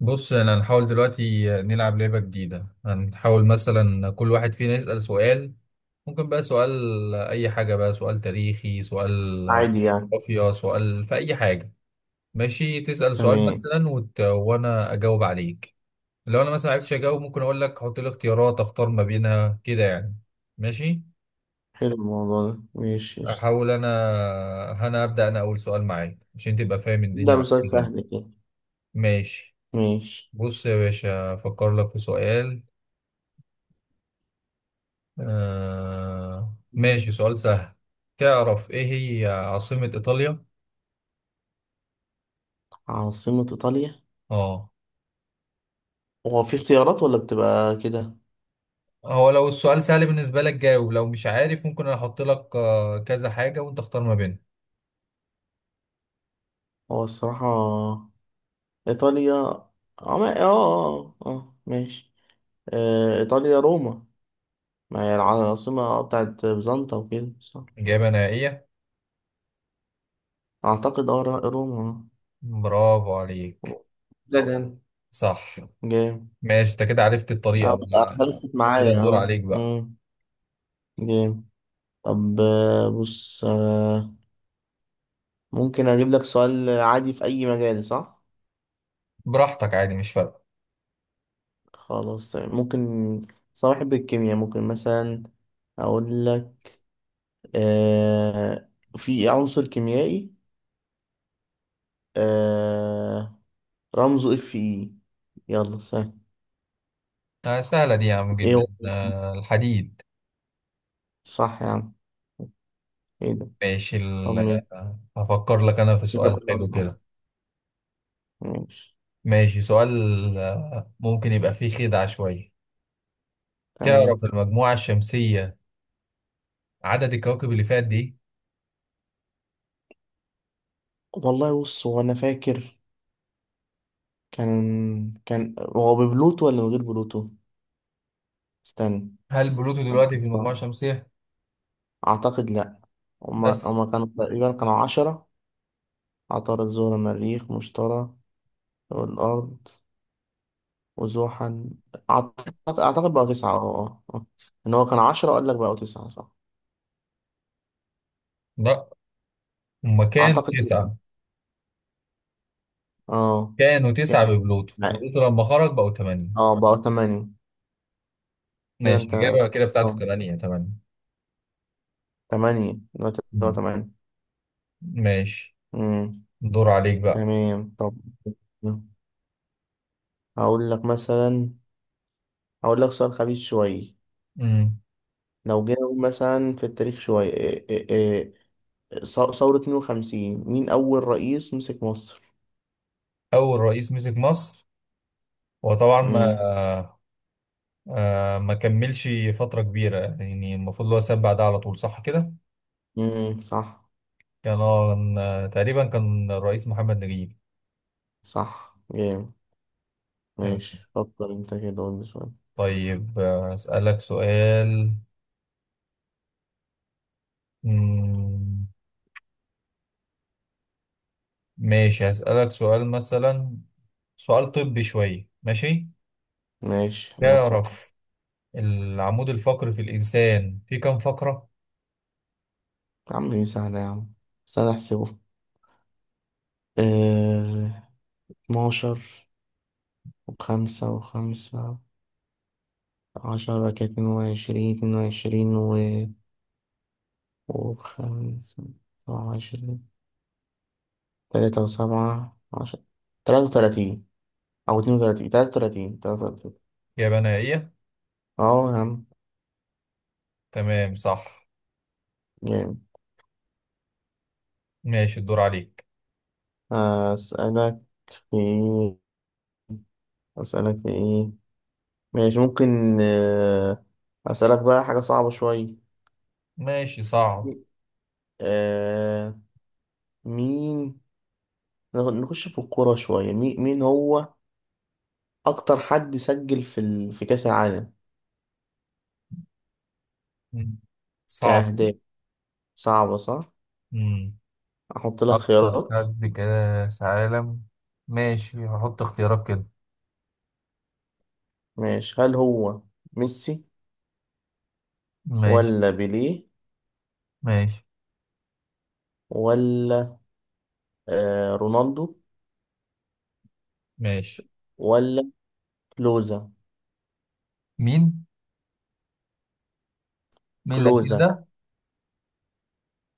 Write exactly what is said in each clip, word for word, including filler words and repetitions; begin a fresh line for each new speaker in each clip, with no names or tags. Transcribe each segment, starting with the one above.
بص انا هنحاول دلوقتي نلعب لعبة جديدة. هنحاول مثلا كل واحد فينا يسأل سؤال، ممكن بقى سؤال اي حاجة، بقى سؤال تاريخي، سؤال
عادي يعني،
جغرافيا، سؤال في اي حاجة. ماشي، تسأل سؤال
تمام،
مثلا وت... وانا اجاوب عليك. لو انا مثلا معرفتش اجاوب ممكن اقول لك حط لي اختيارات، اختار ما بينها كده يعني. ماشي
حلو الموضوع ده، ماشي قشطة.
احاول انا انا ابدأ انا اول سؤال معاك عشان تبقى فاهم الدنيا
ده
معاك
مثال
كده يعني.
سهل كده،
ماشي
ماشي.
بص يا باشا افكر لك في سؤال. آه ماشي
مم.
سؤال سهل. تعرف ايه هي عاصمة ايطاليا؟
عاصمة إيطاليا؟
اه.
هو في اختيارات ولا بتبقى كده؟
هو لو السؤال سهل بالنسبة لك جاوب، لو مش عارف ممكن انا احط لك آه، كذا حاجة وانت اختار ما بينهم.
هو الصراحة، إيطاليا، اه ما- اه اه آه، آه، ماشي، آه، إيطاليا روما. ما هي العاصمة آه، بتاعت بيزنطة وكده، صح؟
اجابة نهائية؟
أعتقد اه را- روما.
برافو عليك،
آه. ده جامد،
صح.
جامد.
ماشي انت كده عرفت
اه
الطريقة
بس
بقى.
خلصت
كده
معايا
الدور
اه
عليك بقى.
مم، جامد. طب، آه، بص، آه، ممكن اجيب لك سؤال عادي في اي مجال، صح؟
براحتك، عادي مش فارقة.
خلاص، طيب، ممكن. صاحب الكيمياء، ممكن مثلا اقول لك، آه في عنصر كيميائي، آه رمزه اف اي. يلا، سهل.
آه سهلة دي يا عم،
ايه
جدا.
هو؟
آه الحديد.
صح يا عم. ايه ده؟
ماشي
طب
ال-
مين؟
آه، هفكر لك انا في
كده
سؤال
كله
حلو
اصعب.
كده.
ماشي،
ماشي سؤال. آه، ممكن يبقى فيه خدعة شوية. تعرف
تمام.
المجموعة الشمسية عدد الكواكب اللي فيها قد إيه؟
والله، بص، هو انا فاكر كان كان هو ببلوتو ولا من غير بلوتو؟ استنى.
هل بلوتو دلوقتي في المجموعة الشمسية؟
أعتقد لأ. هما
بس.
هما كانوا تقريبا كانوا عشرة. عطارد، زهرة، مريخ، مشتري، والأرض، وزحل. أعتقد أعتقد بقى تسعة. اه اه آه. إن هو كان عشرة، أقول لك بقوا تسعة، صح؟
لا، هما كانوا
أعتقد تسعة.
تسعة،
اه
كانوا
يعني-
تسعة ببلوتو،
يعني-
بلوتو لما خرج بقوا تمانية.
اه بقوا تمانية. كده
ماشي،
أنت. اه
الإجابة كده بتاعته تمانية تمانية
تمانية دلوقتي، بقوا
مم.
تمانية.
ماشي،
أمم،
دور عليك بقى.
تمام. طب، هقول لك مثلا هقول لك سؤال خبيث شوية.
مم.
لو جينا نقول مثلا في التاريخ شوية، إيه، إيه، إيه، ص- ثورة اتنين وخمسين، مين أول رئيس مسك مصر؟
أول رئيس مسك مصر هو طبعا ما
مم.
آه ما كملش فترة كبيرة، يعني المفروض اللي هو ساب بعدها على طول، صح كده؟
مم. صح.
كان آه، تقريبا كان الرئيس محمد نجيب.
صح، جامد.
تمام.
ماشي، فكر انت كده، قول لي سؤال.
طيب آه، أسألك سؤال. مم، ماشي هسألك سؤال مثلا، سؤال طبي شوية، ماشي.
ماشي، انا بتعطي.
تعرف العمود الفقري في الإنسان فيه كام فقرة؟
يا عم، دي سهلة يا عم. استنى احسبه. اه... اتناشر وخمسة وخمسة، عشرة. كانت اتنين وعشرين، اتنين وعشرين و... وخمسة وعشرين. تلاتة وسبعة عشرة. تلاتة وتلاتين. أو اتنين وتلاتين، تلاتة وتلاتين، تلاتة وتلاتين.
يا بنائية،
اه يا عم،
تمام صح.
جامد.
ماشي الدور عليك.
آه، أسألك في إيه؟ أسألك في إيه. ماشي، ممكن. آه، أسألك بقى حاجة صعبة شوية.
ماشي، صعب.
آه، مين؟ نخ- نخش في الكورة شوية. مين مين هو أكتر حد سجل في ال... في كأس العالم،
مم، صعب
كأهداف؟
دي.
صعبة، صح؟
مم.
أحط لك
أكتر
خيارات.
حد كاس عالم. ماشي هحط اختيارات كده.
ماشي، هل هو ميسي،
ماشي.
ولا بيليه،
ماشي.
ولا آه رونالدو،
ماشي.
ولا كلوزا؟
مين؟ مين الأخير
كلوزا.
ده؟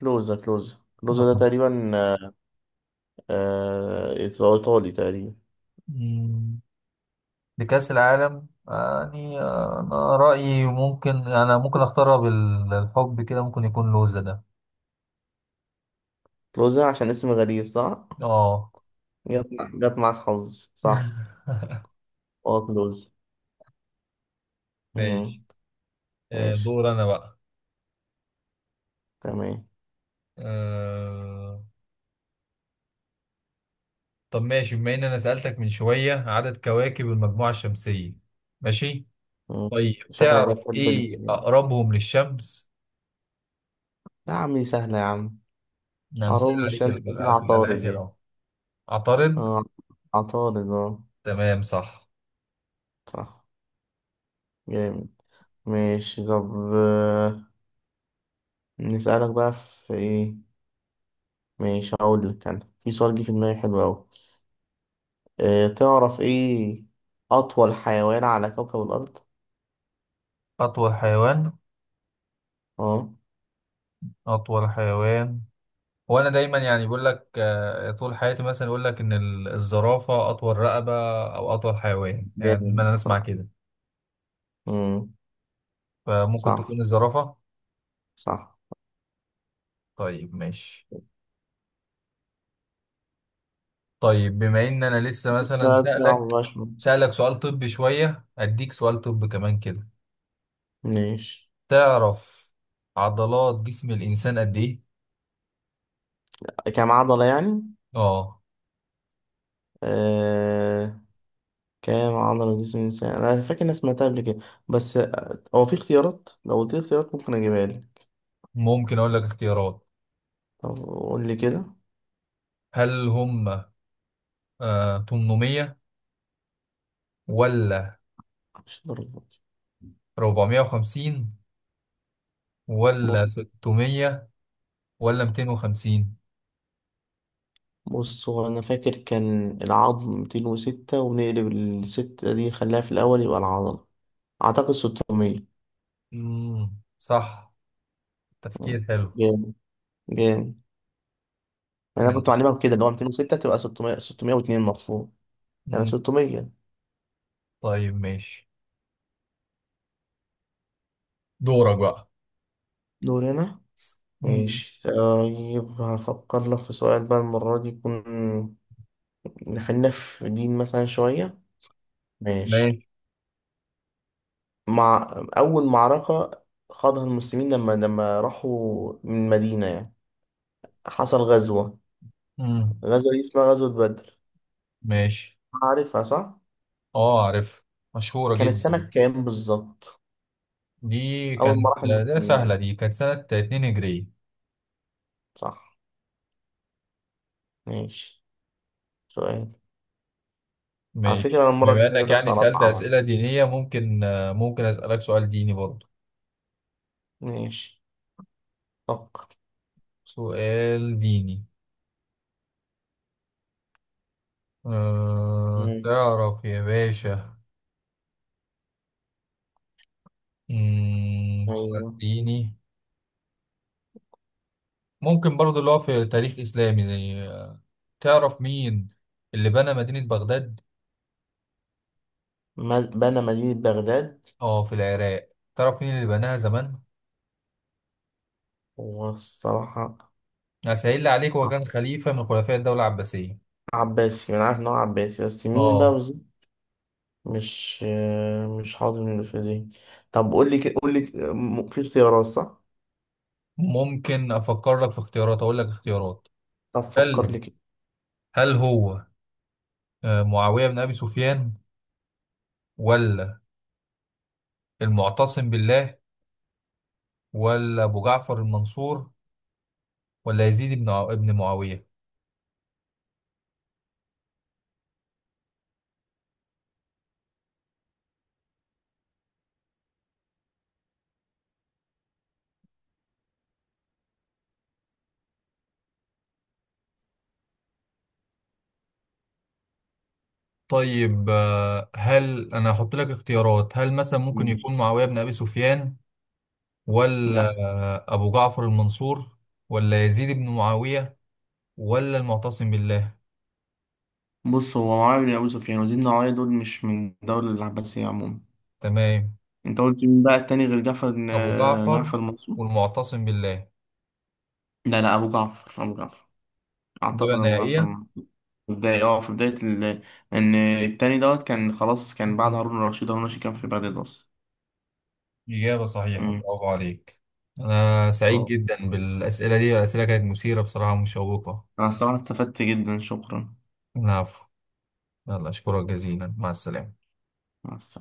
كلوزا، كلوزا، كلوزا ده
آه.
تقريبا، آه آه، إيطالي تقريبا.
مم. لكأس العالم يعني، آه، أنا رأيي، ممكن أنا ممكن أختارها بالحب كده، ممكن يكون لوزة ده.
كلوزة، عشان اسم غريب، صح؟
آه.
جت مع- جت معاك حظ، صح؟ اه كلوزة.
ماشي.
مم.
آه،
ماشي،
دور انا بقى.
تمام.
آه، طب ماشي، بما ان انا سألتك من شوية عدد كواكب المجموعة الشمسية، ماشي.
مم.
طيب
شكلك
تعرف
بتحب ال،
ايه اقربهم للشمس.
يا عم، دي سهلة يا عم.
انا مسأل
عروض من
عليك
الشمس،
ال-
أكيد
ال-
عطارد
الاخر
يعني.
اهو. عطارد.
اه عطارد. اه
تمام صح.
صح، جامد. ماشي، طب، آه، نسألك بقى في ايه؟ ماشي، هقول لك أنا في سؤال جه في دماغي حلو أوي. أه تعرف ايه أطول حيوان على كوكب الأرض؟
أطول حيوان.
اه
أطول حيوان. وانا دايما يعني بيقول لك، آه، طول حياتي مثلا، يقول لك ان ال- الزرافه اطول رقبه او اطول حيوان، يعني
جامد،
دايما انا اسمع
صح.
كده.
مم.
فممكن
صح،
تكون الزرافه.
صح.
طيب ماشي. طيب بما ان انا لسه مثلا
ثلاث ساعة
سألك
مبقاش.
سألك سؤال طبي شويه، اديك سؤال طب كمان كده.
ماشي،
تعرف عضلات جسم الانسان قد ايه؟
كام عضلة يعني؟
اه،
آه... كام عضلة جسم الإنسان؟ أنا فاكر إني سمعتها قبل كده، بس آه، هو في اختيارات؟ لو قلت لي اختيارات، ممكن أجيبها لك.
ممكن اقول لك اختيارات.
طب قول لي كده.
هل هم آه تمنمية، ولا
مش درجات.
أربعمية وخمسين، ولا
بص
ستمية، ولا ميتين وخمسين؟
بص، هو أنا فاكر كان العظم مئتين وستة، ونقلب الستة دي خلاها في الأول يبقى العضلة. أعتقد ستمية.
امم، صح.
مم.
تفكير حلو.
جامد، جامد. أنا كنت
ماشي.
معلمها بكده، اللي هو مئتين وستة تبقى ستمية، ستمية واتنين المفروض. يعني
امم.
ستمائة.
طيب ماشي، دورك بقى.
دول هنا.
امم.
ماشي، طيب، هفكر لك في سؤال بقى المرة دي، يكون خلينا في دين مثلا شوية. ماشي.
ماشي.
مع أول معركة خاضها المسلمين لما لما راحوا من مدينة يعني، حصل غزوة.
امم.
غزوة دي اسمها غزوة بدر.
ماشي.
عارفها صح؟
اه عارف، مشهورة
كانت سنة
جدا.
كام بالظبط؟
دي
أول ما راح
كانت، ده سهلة
المسلمين.
دي، كانت سنة اتنين هجري.
صح، ماشي. سؤال. على فكرة،
ماشي،
أنا المرة
بما
الجاية
انك
هجيب لك
يعني
سؤال
سألت
أصعب.
أسئلة دينية، ممكن آه، ممكن أسألك سؤال ديني برضه.
ماشي، فكر.
سؤال ديني. أه
مم.
تعرف يا باشا. مم. سؤال
أيوه.
ديني. ممكن برضو اللي هو في تاريخ إسلامي، زي آه، تعرف مين اللي بنى مدينة بغداد؟
ما- بنى مدينة بغداد.
اه في العراق، تعرف مين اللي بناها زمان؟
هو الصراحة،
هسهل عليك، هو كان خليفة من خلفاء الدولة العباسية.
عباسي. أنا عارف إن هو عباسي، بس مين بقى
اه،
بالظبط؟ مش مش حاضر من اللي في ذهني. طب قول لي كده، قول لي كده- م- في اختيارات، صح؟
ممكن أفكر لك في اختيارات، أقول لك اختيارات.
طب فكر
هل
لي كده.
هل هو آه، معاوية بن أبي سفيان، ولا المعتصم بالله، ولا أبو جعفر المنصور، ولا يزيد بن عو- ابن معاوية؟ طيب آه، هل انا هحط لك اختيارات، هل مثلا ممكن يكون
ماشي.
معاوية بن ابي سفيان،
لا.
ولا أبو جعفر المنصور، ولا يزيد بن معاوية، ولا المعتصم بالله؟
بص، هو معاوية بن أبي سفيان وزيد النوايا دول مش من الدولة العباسية عموما.
تمام.
أنت قلت مين بقى التاني، غير جعفر
أبو
بن-
جعفر
جعفر المنصور؟
والمعتصم بالله.
لا، لا، أبو جعفر، أبو جعفر.
إجابة
أعتقد أبو جعفر
نهائية؟
المنصور. في بداية اه في بداية ال... إن التاني دوت كان خلاص، كان بعد
مم.
هارون الرشيد. هارون الرشيد كان في بغداد أصلا.
إجابة صحيحة، برافو عليك. أنا سعيد
مم.
جدا بالأسئلة دي، الأسئلة كانت مثيرة بصراحة ومشوقة.
أنا الصراحة استفدت جدا، شكرا.
العفو. يلا أشكرك جزيلا، مع السلامة.
مع السلامة.